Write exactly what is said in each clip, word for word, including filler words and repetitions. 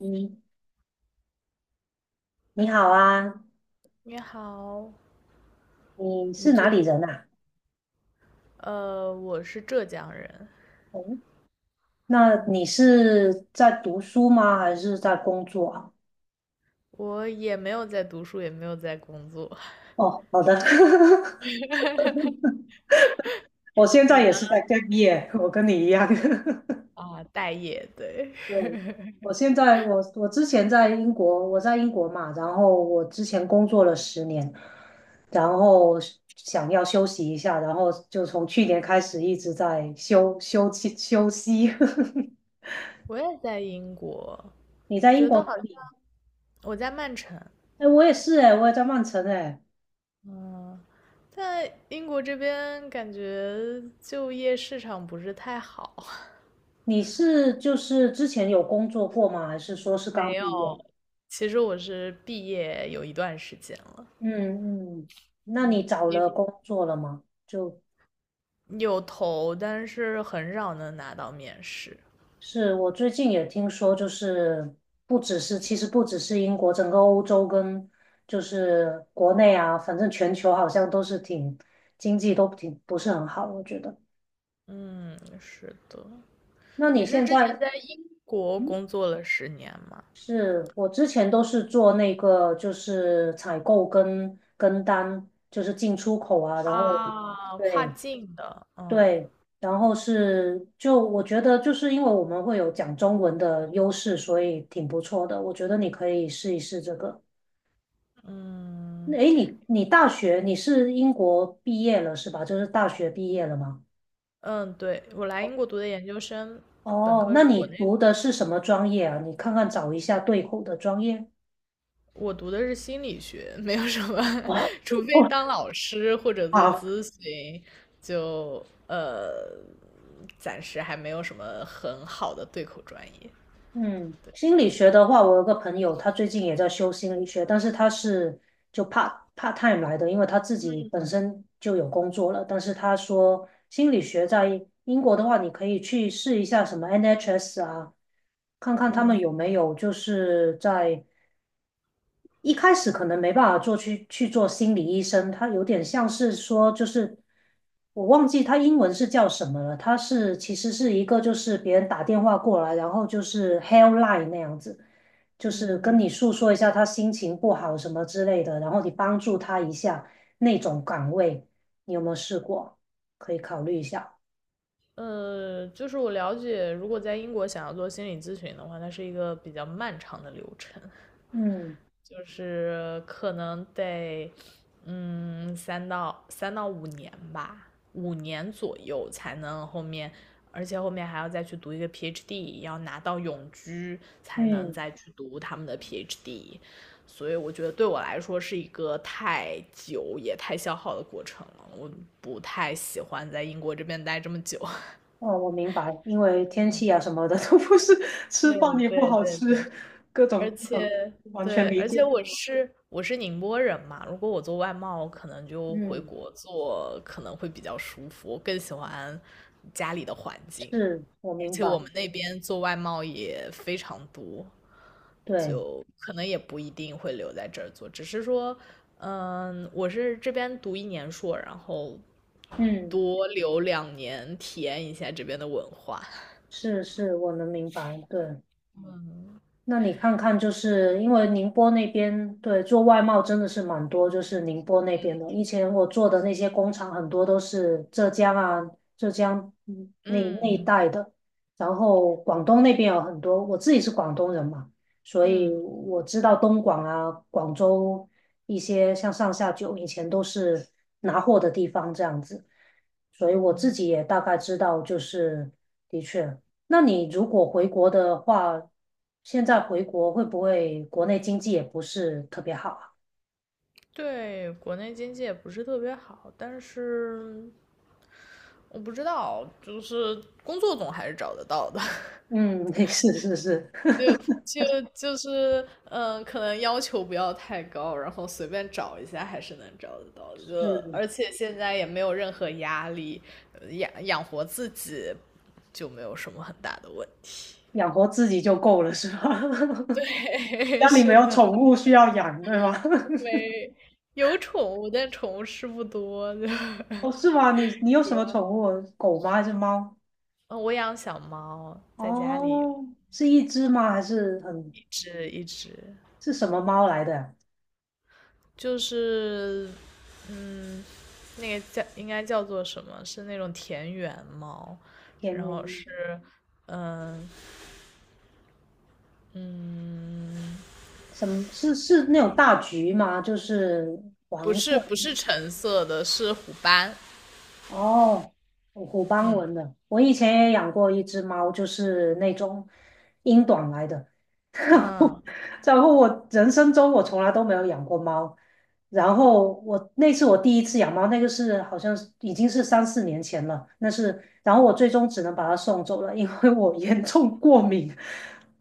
你你好啊，你好，你是你哪这里人啊？呃，我是浙江人，哦，那嗯，你是在读书吗？还是在工作啊？我也没有在读书，也没有在工作。哦，好的，我现你在也呢？是在 gap year，我跟你一样。啊，待业，对，对，我现在我我之前在英国，我在英国嘛，然后我之前工作了十年，然后想要休息一下，然后就从去年开始一直在休休息休息。我也在英国，你我在英觉国得哪好像里？我在曼城，哎，我也是哎，我也在曼城哎。嗯，在英国这边感觉就业市场不是太好。你是就是之前有工作过吗？还是说是刚没有，毕业？其实我是毕业有一段时间了，嗯嗯，那你嗯，找也了工作了吗？就有投，但是很少能拿到面试。是我最近也听说，就是不只是，其实不只是英国，整个欧洲跟就是国内啊，反正全球好像都是挺经济都挺不是很好，我觉得。嗯，是的。那你你是现之前在，在英国嗯，工作了十年吗？是我之前都是做那个就是采购跟跟单，就是进出口啊，然后啊，跨对。境的，嗯对，然后是就我觉得就是因为我们会有讲中文的优势，所以挺不错的。我觉得你可以试一试这个。嗯那诶，你你大学你是英国毕业了是吧？就是大学毕业了吗？嗯，对，我来英国读的研究生，本哦，科那是你国内的，读的是什么专业啊？你看看找一下对口的专业。我读的是心理学，没有什么，哦，除非哦，当老师或者做好，咨询，就呃，暂时还没有什么很好的对口专业。嗯，心理学的话，我有个朋友，他最近也在修心理学，但是他是就 part part time 来的，因为他自己本嗯身就有工作了。但是他说，心理学在英国的话，你可以去试一下什么 N H S 啊，看看他们嗯。有没有就是在一开始可能没办法做去去做心理医生，他有点像是说，就是我忘记他英文是叫什么了，他是其实是一个就是别人打电话过来，然后就是 helpline 那样子，就是跟嗯你诉说一下他心情不好什么之类的，然后你帮助他一下那种岗位，你有没有试过？可以考虑一下。呃，就是我了解，如果在英国想要做心理咨询的话，它是一个比较漫长的流程，嗯就是可能得，嗯，三到三到五年吧，五年左右才能后面，而且后面还要再去读一个 PhD，要拿到永居才能嗯。再去读他们的 PhD，所以我觉得对我来说是一个太久也太消耗的过程了，我不太喜欢在英国这边待这么久。哦，我明白，因为天气啊什么的都不是吃对饭也不对好对吃，对，各而种各种，且完全对，理而且解。我是我是宁波人嘛，如果我做外贸，我可能就回嗯，国做，可能会比较舒服，我更喜欢家里的环境，是我而明且我白，们那边做外贸也非常多，对，就可能也不一定会留在这儿做，只是说，嗯，我是这边读一年硕，然后嗯，多留两年，体验一下这边的文化。是是，我能明白，对。那你看看，就是因为宁波那边，对，做外贸真的是蛮多，就是宁波那边的。以前我做的那些工厂，很多都是浙江啊、浙江嗯那那一嗯带的，然后广东那边有很多。我自己是广东人嘛，所以嗯。我知道东莞啊、广州一些像上下九以前都是拿货的地方这样子，所以我自嗯，己也大概知道，就是的确。那你如果回国的话，现在回国会不会国内经济也不是特别好啊？对，国内经济也不是特别好，但是我不知道，就是工作总还是找得到的，嗯，是是是 就就就是嗯，可能要求不要太高，然后随便找一下还是能找得到的，就是，而且现在也没有任何压力，呃养养活自己就没有什么很大的问题。养活自己就够了，是吧？对，家 里没是有的，宠物需要养，对吗？没有宠物，但宠物是不多的。哦，是吗？你你有什么宠物？狗吗？还是猫？嗯，我养小猫，在家里有哦，是一只吗？还是很一只一只，是什么猫来的？就是，嗯，那个叫应该叫做什么？是那种田园猫，天，然后是，嗯嗯，什么是是那种大橘吗？就是不黄色。是不是橙色的，是虎斑，哦，虎斑纹嗯的，我以前也养过一只猫，就是那种英短来的。然后，嗯。然后我人生中我从来都没有养过猫。然后我那是我第一次养猫，那个是好像是已经是三四年前了。那是，然后我最终只能把它送走了，因为我 严重过敏，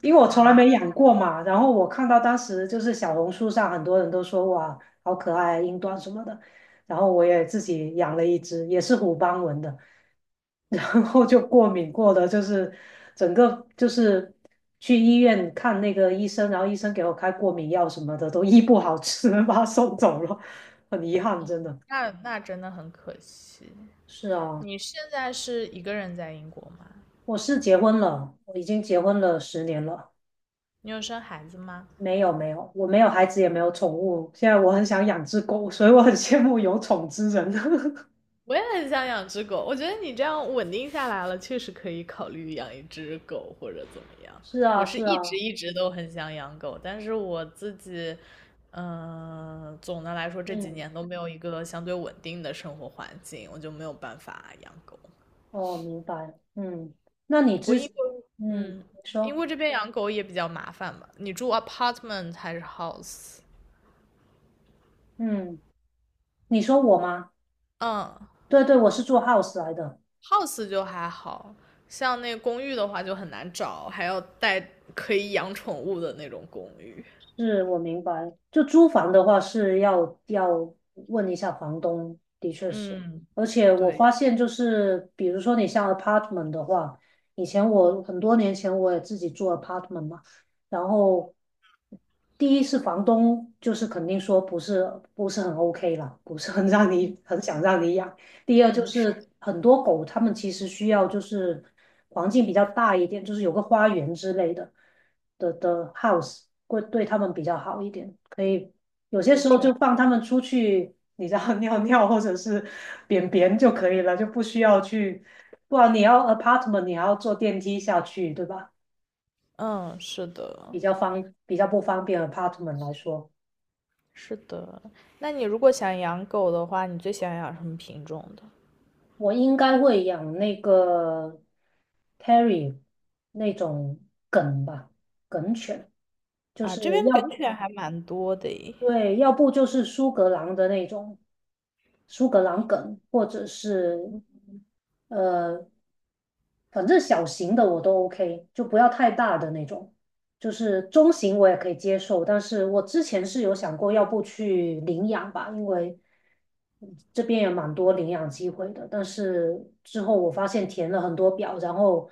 因为我从来没啊，养过嘛。然后我看到当时就是小红书上很多人都说哇，好可爱啊英短什么的。然后我也自己养了一只，也是虎斑纹的，然后就过敏过的，就是整个就是去医院看那个医生，然后医生给我开过敏药什么的，都医不好，只能把它送走了，很遗憾，真的。那那真的很可惜。是啊，你现在是一个人在英国吗？我是结婚了，我已经结婚了十年了。你有生孩子吗？没有没有，我没有孩子，也没有宠物。现在我很想养只狗，所以我很羡慕有宠之人。我也很想养只狗，我觉得你这样稳定下来了，确实可以考虑养一只狗或者怎么 样。是啊，我是是一直啊，一直都很想养狗，但是我自己，嗯、总的来说这几嗯。年都没有一个相对稳定的生活环境，我就没有办法养狗。哦，明白。嗯，那你不过之，英国，嗯，嗯，你说，英国这边养狗也比较麻烦吧？你住 apartment 还是 house？嗯，你说我吗？嗯，对对，我是做 house 来的，house 就还好，像那公寓的话就很难找，还要带可以养宠物的那种公寓。是我明白。就租房的话是要要问一下房东，的确是。嗯，而且我对，发现就是，比如说你像 apartment 的话，以前嗯我很多年前我也自己住 apartment 嘛，然后第一是房东就是肯定说不是不是很 OK 啦，不是很让你很想让你养。第二就嗯，是是的，很多狗，它们其实需要就是环境比较大一点，就是有个花园之类的的的 house 会对它们比较好一点。可以有些是时候这就样，放它们出去，你知道 尿尿或者是便便就可以了，就不需要去，不然你要 apartment 你还要坐电梯下去，对吧？嗯，是的，比较方比较不方便 apartment 来说。是的。那你如果想养狗的话，你最想养什么品种的？我应该会养那个 Terry 那种梗吧，梗犬，就啊，是这边要梗不犬还蛮多的诶。对，要不就是苏格兰的那种苏格兰梗，或者是呃，反正小型的我都 OK，就不要太大的那种，就是中型我也可以接受。但是我之前是有想过，要不去领养吧，因为这边也蛮多领养机会的。但是之后我发现填了很多表，然后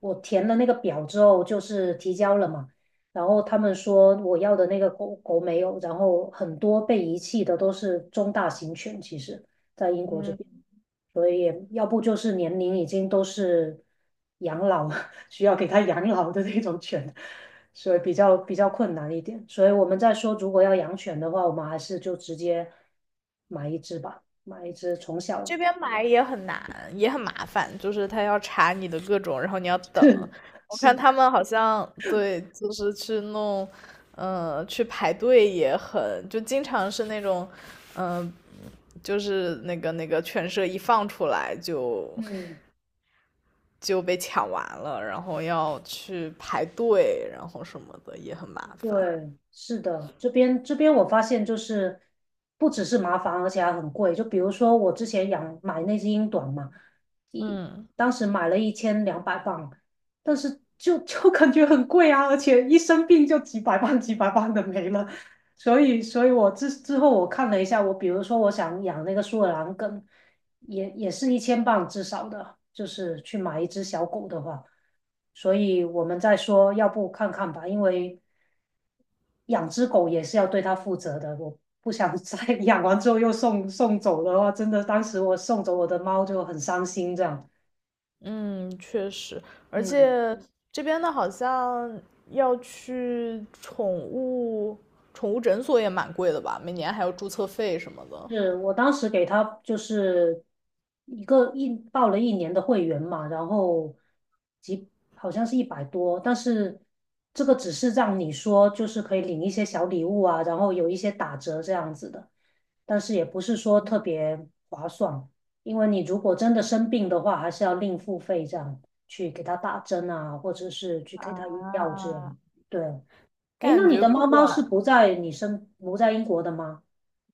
我填了那个表之后，就是提交了嘛。然后他们说我要的那个狗狗没有，然后很多被遗弃的都是中大型犬，其实。在英国这边。所以要不就是年龄已经都是养老，需要给他养老的那种犬，所以比较比较困难一点。所以我们在说，如果要养犬的话，我们还是就直接买一只吧，买一只从这小 边买也很难，也很麻烦，就是他要查你的各种，然后你要等。我看是，他们好像对，就是去弄，呃，去排队也很，就经常是那种，嗯、就是那个那个犬舍一放出来就嗯。就被抢完了，然后要去排队，然后什么的也很麻烦。对，是的，这边这边我发现就是不只是麻烦，而且还很贵。就比如说我之前养买那只英短嘛，一嗯。当时买了一千两百磅，但是就就感觉很贵啊，而且一生病就几百磅几百磅的没了。所以，所以我之之后我看了一下，我比如说我想养那个苏格兰跟也也是一千磅至少的，就是去买一只小狗的话，所以我们在说，要不看看吧，因为养只狗也是要对它负责的，我不想再 养完之后又送送走的话，真的，当时我送走我的猫就很伤心，这样，嗯，确实，而嗯。且这边的好像要去宠物宠物诊所也蛮贵的吧，每年还有注册费什么的。是我当时给他就是一个一报了一年的会员嘛，然后几好像是一百多，但是这个只是让你说就是可以领一些小礼物啊，然后有一些打折这样子的，但是也不是说特别划算，因为你如果真的生病的话，还是要另付费这样去给他打针啊，或者是去给他用药这啊，样。对，诶，那感你觉的不猫猫管，是不在你生不在英国的吗？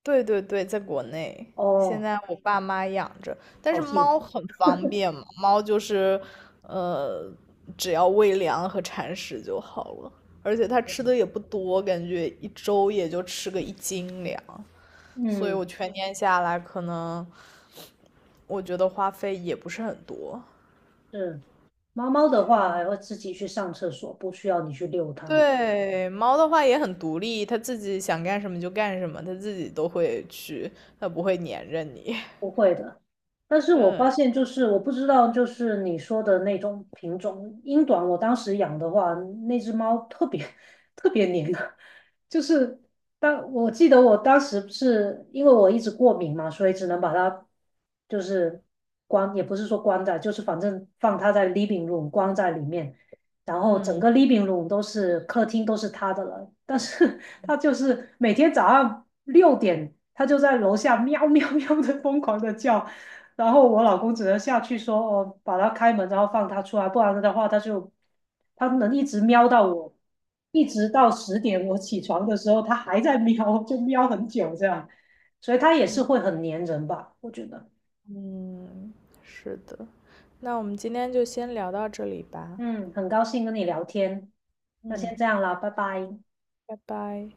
对对对，在国内，现哦，在我爸妈养着，但好是幸猫福。很方便嘛，猫就是，呃，只要喂粮和铲屎就好了，而且它吃的也不多，感觉一周也就吃个一斤粮。所以嗯，我全年下来可能我觉得花费也不是很多。是。猫猫的话还全会自己去上厕所，不需要你去遛它。对，猫的话也很独立，它自己想干什么就干什么，它自己都会去，它不会粘着你。不会的，但是我发现嗯就是我不知道，就是你说的那种品种英短，我当时养的话，那只猫特别 特别黏啊，就是当我记得我当时不是因为我一直过敏嘛，所以只能把它就是关，也不是说关在，就是反正放它在 living room 关在里面，然后整嗯个 living room 都是客厅都是它的了，但是 他就是每天早上六点，他就在楼下喵喵喵的疯狂的叫，然后我老公只能下去说哦，把它开门，然后放它出来，不然的话他就他能一直喵到我，一直到十点我起床的时候，他还在喵，就喵很久这样，所以它也是嗯会很粘人吧，我觉得。嗯，是的。那我们今天就先聊到这里吧。嗯，很高兴跟你聊天，那先嗯，这样啦，拜拜。拜拜。